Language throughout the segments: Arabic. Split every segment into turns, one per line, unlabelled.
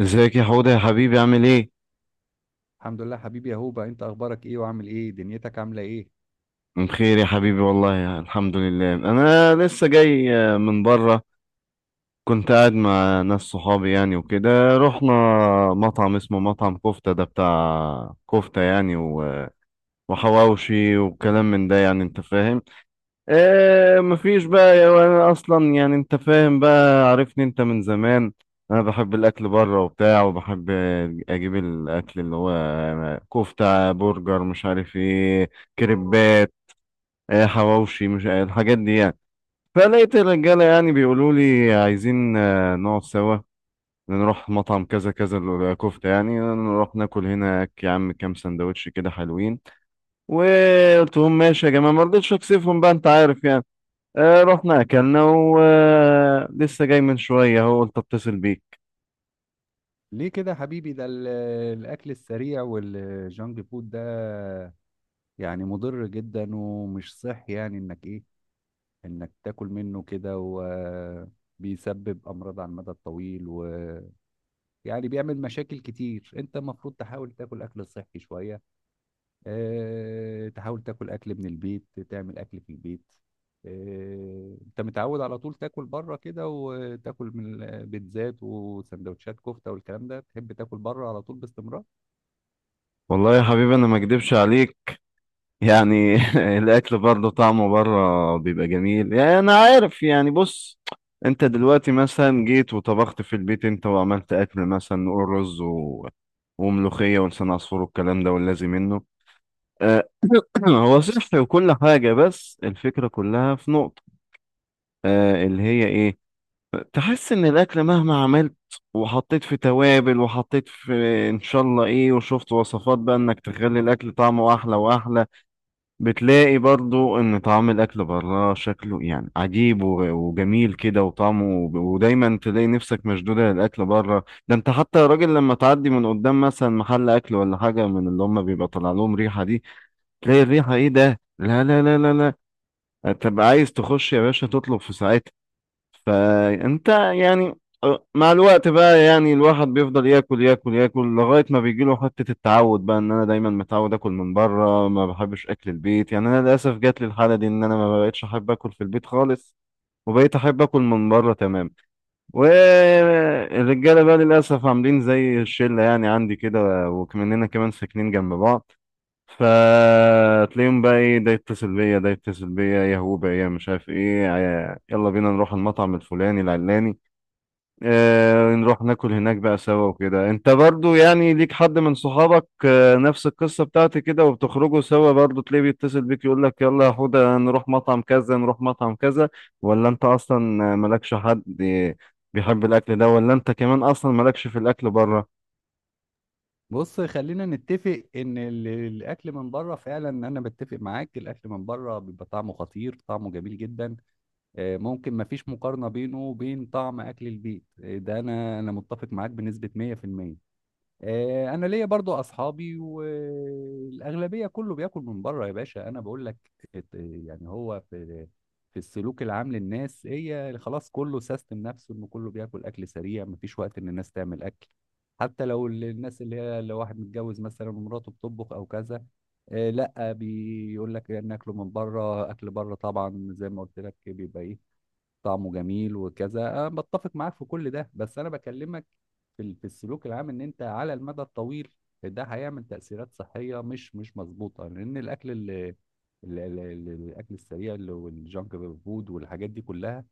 ازيك يا حوده يا حبيبي؟ عامل ايه؟
الحمد لله حبيبي يا هوبا، انت اخبارك ايه وعامل ايه؟ دنيتك عامله ايه؟
بخير يا حبيبي والله، الحمد لله. انا لسه جاي من بره. كنت قاعد مع ناس صحابي يعني وكده. رحنا مطعم اسمه مطعم كفتة، ده بتاع كفتة يعني وحواوشي وكلام من ده، يعني انت فاهم. آه، مفيش بقى وانا اصلا يعني انت فاهم بقى، عارفني انت من زمان. انا بحب الاكل بره وبتاع، وبحب اجيب الاكل اللي هو كفتة، برجر، مش عارف ايه، كريبات، آه، حواوشي، مش الحاجات دي يعني. فلقيت الرجالة يعني بيقولوا لي عايزين نقعد سوا، نروح مطعم كذا كذا الكفتة يعني، نروح ناكل هناك يا عم كام سندوتش كده حلوين. وقلت لهم ماشي يا جماعة، ما رضيتش اكسفهم بقى، انت عارف يعني. رحنا اكلنا ولسه جاي من شويه، هو قلت اتصل بيك.
ليه كده حبيبي؟ الاكل السريع والجانك فود ده يعني مضر جدا ومش صحي، يعني انك انك تاكل منه كده وبيسبب امراض على المدى الطويل، ويعني بيعمل مشاكل كتير. انت المفروض تحاول تاكل اكل صحي شويه، تحاول تاكل اكل من البيت، تعمل اكل في البيت. انت متعود على طول تاكل بره كده وتاكل من البيتزات وسندوتشات كفته والكلام ده، تحب تاكل بره على طول باستمرار.
والله يا حبيبي انا ما اكدبش عليك يعني الاكل برضه طعمه بره بيبقى جميل، يعني انا عارف يعني. بص، انت دلوقتي مثلا جيت وطبخت في البيت انت، وعملت اكل مثلا نقول رز وملوخيه ولسان عصفور والكلام ده واللازم منه، آه، هو صحي وكل حاجه، بس الفكره كلها في نقطه، آه، اللي هي ايه؟ تحس ان الاكل مهما عملت وحطيت في توابل وحطيت في ان شاء الله ايه، وشفت وصفات بقى انك تخلي الاكل طعمه احلى واحلى، بتلاقي برضو ان طعم الاكل بره شكله يعني عجيب وجميل كده وطعمه. ودايما تلاقي نفسك مشدودة للاكل بره ده. انت حتى يا راجل لما تعدي من قدام مثلا محل اكل ولا حاجة من اللي هم، بيبقى طالع لهم ريحة دي، تلاقي الريحة ايه ده، لا لا لا لا، لا تبقى عايز تخش يا باشا تطلب في ساعتها. فانت يعني مع الوقت بقى يعني الواحد بيفضل ياكل ياكل ياكل لغاية ما بيجيله حتة التعود بقى، ان انا دايما متعود اكل من بره، ما بحبش اكل البيت. يعني انا للاسف جات لي الحالة دي ان انا ما بقتش احب اكل في البيت خالص، وبقيت احب اكل من بره، تمام. والرجالة بقى للاسف عاملين زي الشلة يعني عندي كده، وكمننا كمان ساكنين جنب بعض، فتلاقيهم بقى ايه، ده يتصل بيا، ده يتصل بيا، يا هو بقى، يا مش عارف ايه، يلا بينا نروح المطعم الفلاني العلاني، آه، نروح ناكل هناك بقى سوا وكده. انت برضو يعني ليك حد من صحابك، آه، نفس القصة بتاعتي كده، وبتخرجوا سوا برضو تلاقيه بيتصل بيك يقول لك يلا يا حودة نروح مطعم كذا، نروح مطعم كذا؟ ولا انت اصلا مالكش حد بيحب الاكل ده؟ ولا انت كمان اصلا مالكش في الاكل بره؟
بص، خلينا نتفق ان الاكل من بره فعلا، انا بتفق معاك، الاكل من بره بيبقى طعمه خطير، طعمه جميل جدا. ممكن ما فيش مقارنه بينه وبين طعم اكل البيت. ده انا متفق معاك بنسبه 100%. انا ليا برضو اصحابي والاغلبيه كله بياكل من بره يا باشا. انا بقول لك، يعني هو في السلوك العام للناس، هي خلاص كله سيستم نفسه، انه كله بياكل اكل سريع، مفيش وقت ان الناس تعمل اكل. حتى لو الناس اللي هي، لو واحد متجوز مثلا ومراته بتطبخ او كذا، لا بيقول لك ناكله من بره. اكل بره طبعا زي ما قلت لك بيبقى ايه، طعمه جميل وكذا. أنا بتفق معاك في كل ده، بس أنا بكلمك في في السلوك العام، إن أنت على المدى الطويل ده هيعمل تأثيرات صحية مش مظبوطة. لأن الأكل اللي الاكل السريع والجانك فود والحاجات دي كلها،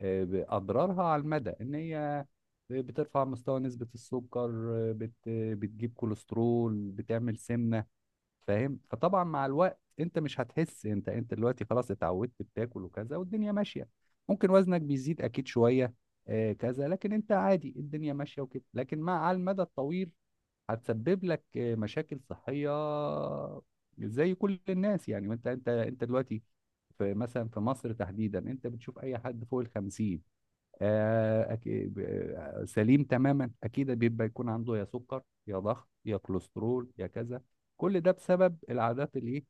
اضرارها على المدى ان هي بترفع مستوى نسبة السكر. آه، بت بتجيب كوليسترول، بتعمل سمنة، فاهم؟ فطبعا مع الوقت انت مش هتحس. انت دلوقتي خلاص اتعودت بتاكل وكذا والدنيا ماشيه، ممكن وزنك بيزيد اكيد شويه آه كذا، لكن انت عادي، الدنيا ماشيه وكده. لكن على المدى الطويل هتسبب لك مشاكل صحيه زي كل الناس يعني. وانت انت انت دلوقتي مثلا في مصر تحديدا، انت بتشوف اي حد فوق ال 50 آه، أكي- ب- سليم تماما، اكيد بيبقى يكون عنده يا سكر يا ضغط يا كوليسترول يا كذا. كل ده بسبب العادات الايه،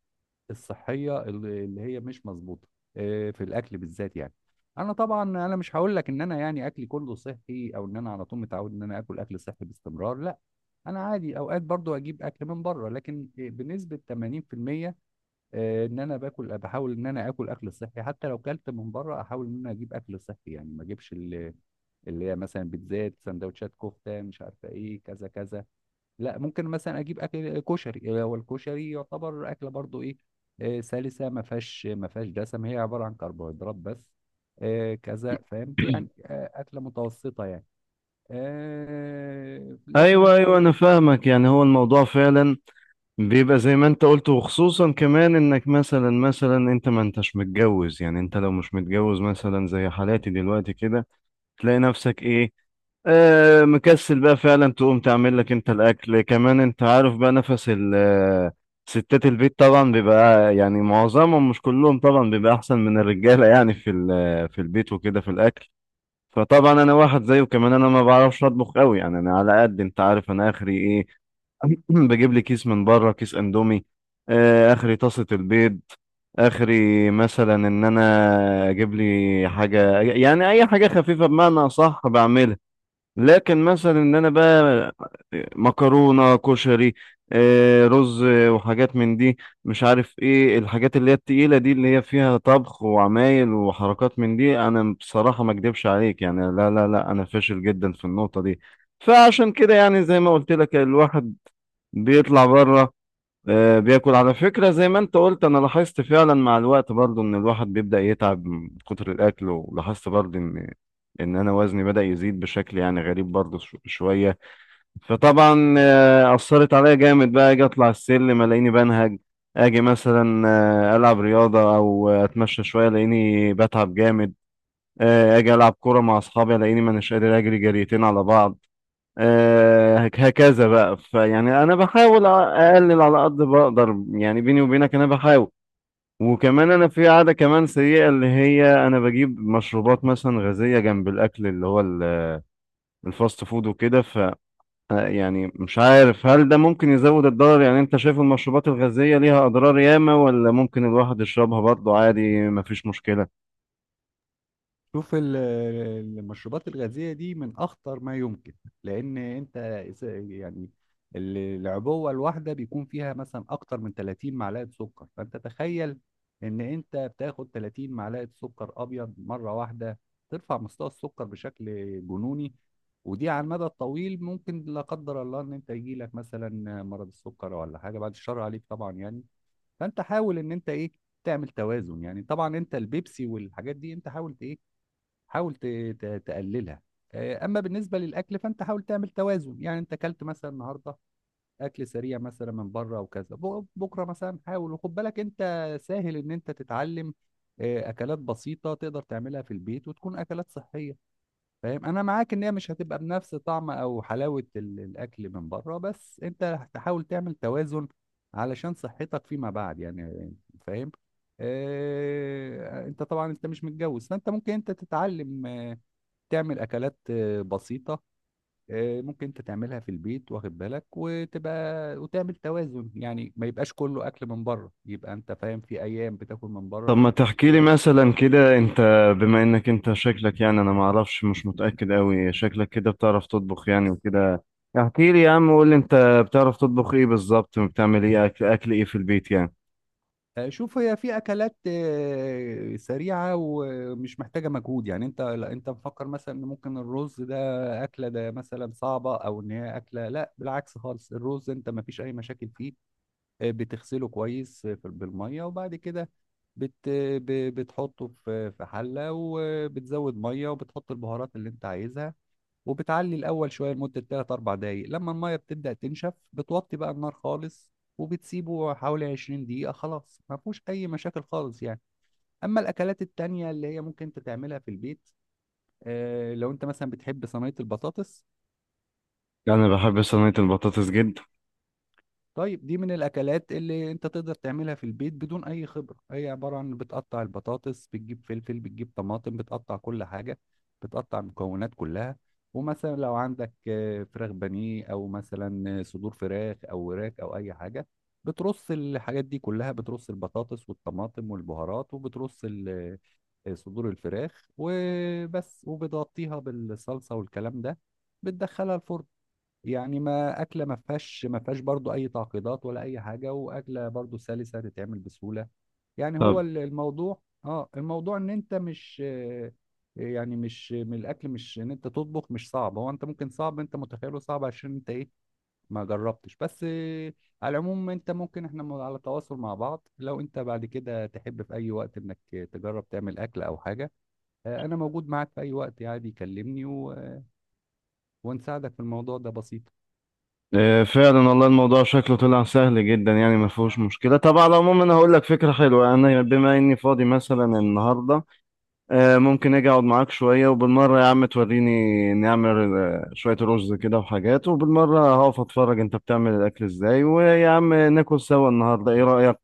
الصحيه اللي هي مش مظبوطه، في الاكل بالذات يعني. انا طبعا انا مش هقول لك ان انا يعني اكلي كله صحي، او ان انا على طول متعود ان انا اكل اكل صحي باستمرار، لا. انا عادي اوقات برضو اجيب اكل من بره، لكن بنسبه 80% ان انا باكل، بحاول ان انا اكل اكل صحي. حتى لو كلت من بره، احاول ان انا اجيب اكل صحي يعني، ما اجيبش اللي هي مثلا بيتزات سندوتشات كفته مش عارفه ايه كذا كذا. لا، ممكن مثلا اجيب اكل كشري. هو الكشري يعتبر اكله برضو ايه، سلسه، ما فيهاش دسم، هي عباره عن كربوهيدرات بس آه، كذا فهمت يعني، اكله متوسطه يعني. آه، لكن
ايوه
هو
ايوه، انا فاهمك. يعني هو الموضوع فعلا بيبقى زي ما انت قلت، وخصوصا كمان انك مثلا، انت ما انتش متجوز. يعني انت لو مش متجوز مثلا زي حالاتي دلوقتي كده، تلاقي نفسك ايه، آه، مكسل بقى فعلا تقوم تعمل لك انت الاكل. كمان انت عارف بقى نفس ال ستات البيت طبعا بيبقى يعني معظمهم، مش كلهم طبعا، بيبقى احسن من الرجاله يعني في آه، في البيت وكده في الاكل. فطبعا انا واحد زيه كمان، انا ما بعرفش اطبخ قوي يعني. انا على قد انت عارف، انا اخري ايه، بجيب لي كيس من بره، كيس اندومي، آه، اخري طاسة البيض، اخري مثلا ان انا اجيب لي حاجة يعني اي حاجة خفيفة بمعنى صح بعملها. لكن مثلا ان انا بقى مكرونة، كشري، آه، رز، آه، وحاجات من دي، مش عارف ايه الحاجات اللي هي التقيلة دي اللي هي فيها طبخ وعمايل وحركات من دي، انا بصراحة ما اكدبش عليك يعني، لا لا لا، انا فاشل جدا في النقطة دي. فعشان كده يعني زي ما قلت لك، الواحد بيطلع بره، آه، بياكل. على فكرة زي ما انت قلت، انا لاحظت فعلا مع الوقت برضو ان الواحد بيبدأ يتعب من كتر الاكل، ولاحظت برضو ان ان انا وزني بدأ يزيد بشكل يعني غريب برضو شوية. فطبعا آه، اثرت عليا جامد بقى، اجي اطلع السلم الاقيني بنهج، اجي مثلا آه، العب رياضة او اتمشى شوية الاقيني بتعب جامد، آه، اجي العب كورة مع اصحابي الاقيني ما أناش قادر اجري جريتين على بعض، آه، هكذا بقى. فيعني انا بحاول اقلل على قد بقدر يعني، بيني وبينك انا بحاول. وكمان انا في عادة كمان سيئة اللي هي انا بجيب مشروبات مثلا غازية جنب الاكل اللي هو الفاست فود وكده، ف آه، يعني مش عارف هل ده ممكن يزود الضرر؟ يعني انت شايف المشروبات الغازية ليها اضرار ياما، ولا ممكن الواحد يشربها برضه عادي مفيش مشكلة؟
شوف المشروبات الغازية دي من أخطر ما يمكن. لأن يعني العبوة الواحدة بيكون فيها مثلا أكتر من 30 معلقة سكر. فأنت تخيل إن أنت بتاخد 30 معلقة سكر أبيض مرة واحدة، ترفع مستوى السكر بشكل جنوني. ودي على المدى الطويل ممكن لا قدر الله إن أنت يجيلك مثلا مرض السكر ولا حاجة، بعد الشر عليك طبعا يعني. فأنت حاول إن أنت إيه، تعمل توازن يعني. طبعا أنت البيبسي والحاجات دي أنت حاول إيه، حاول تقللها. اما بالنسبه للاكل، فانت حاول تعمل توازن. يعني انت اكلت مثلا النهارده اكل سريع مثلا من بره وكذا، بكره مثلا حاول وخد بالك، انت سهل ان انت تتعلم اكلات بسيطه تقدر تعملها في البيت وتكون اكلات صحيه. فاهم؟ انا معاك ان هي مش هتبقى بنفس طعم او حلاوه الاكل من بره، بس انت تحاول تعمل توازن علشان صحتك فيما بعد يعني، فاهم؟ انت طبعا انت مش متجوز، فانت ممكن انت تتعلم، تعمل اكلات بسيطه ممكن انت تعملها في البيت، واخد بالك، وتبقى وتعمل توازن، يعني ما يبقاش كله اكل من بره، يبقى انت فاهم، في ايام بتاكل من
طب
بره.
ما تحكي لي
في
مثلا كده انت، بما انك انت شكلك، يعني انا ما اعرفش، مش متأكد قوي، شكلك كده بتعرف تطبخ يعني وكده. احكي لي يا عم وقول لي انت بتعرف تطبخ ايه بالظبط، وبتعمل ايه اكل، اكل ايه في البيت يعني؟
آه، شوف، هي في اكلات سريعه ومش محتاجه مجهود يعني. انت لا، انت مفكر مثلا ان ممكن الرز ده اكله ده مثلا صعبه، او ان هي اكله، لا بالعكس خالص. الرز انت ما فيش اي مشاكل فيه، بتغسله كويس بالميه، وبعد كده بت بتحطه في حله، وبتزود ميه، وبتحط البهارات اللي انت عايزها، وبتعلي الاول شويه لمده 3 4 دقائق. لما الميه بتبدا تنشف، بتوطي بقى النار خالص، وبتسيبه حوالي 20 دقيقه، خلاص ما فيهوش اي مشاكل خالص يعني. اما الاكلات التانية اللي هي ممكن انت تعملها في البيت، لو انت مثلا بتحب صينيه البطاطس،
انا بحب صينية البطاطس جدا.
طيب دي من الاكلات اللي انت تقدر تعملها في البيت بدون اي خبره. هي عباره عن بتقطع البطاطس، بتجيب فلفل، بتجيب طماطم، بتقطع كل حاجه، بتقطع المكونات كلها. ومثلا لو عندك فراخ بانيه، او مثلا صدور فراخ او وراك او اي حاجه، بترص الحاجات دي كلها، بترص البطاطس والطماطم والبهارات، وبترص صدور الفراخ وبس، وبتغطيها بالصلصه والكلام ده، بتدخلها الفرن. يعني ما اكله ما فيهاش برضو اي تعقيدات ولا اي حاجه، واكله برضو سلسه تتعمل بسهوله يعني. هو
طب
الموضوع اه، الموضوع ان انت مش آه، يعني مش من الاكل، مش ان انت تطبخ مش صعب، هو انت ممكن صعب، انت متخيله صعب عشان انت ايه، ما جربتش. بس على العموم، انت ممكن، احنا على تواصل مع بعض، لو انت بعد كده تحب في اي وقت انك تجرب تعمل اكل او حاجه، انا موجود معاك في اي وقت، عادي كلمني، ونساعدك في الموضوع، ده بسيط.
اه، فعلا والله الموضوع شكله طلع سهل جدا يعني، ما فيهوش مشكلة. طب على العموم انا هقول لك فكرة حلوة، انا بما اني فاضي مثلا النهاردة، آه، ممكن اجي اقعد معاك شويه، وبالمره يا عم توريني نعمل آه، شويه رز كده وحاجات، وبالمره هقف اتفرج انت بتعمل الاكل ازاي، ويا عم ناكل سوا النهارده، ايه رايك؟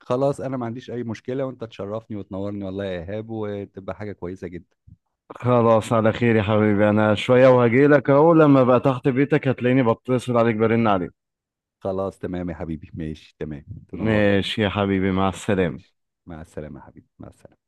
خلاص انا ما عنديش اي مشكلة، وانت تشرفني وتنورني والله يا ايهاب، وتبقى حاجة كويسة جدا.
خلاص، على خير يا حبيبي. انا شويه وهجيلك اهو، لما بقى تحت بيتك هتلاقيني بتصل عليك، برن عليك.
خلاص تمام يا حبيبي، ماشي تمام، تنورني.
ماشي يا حبيبي، مع السلامه.
ماشي، مع السلامة يا حبيبي، مع السلامة.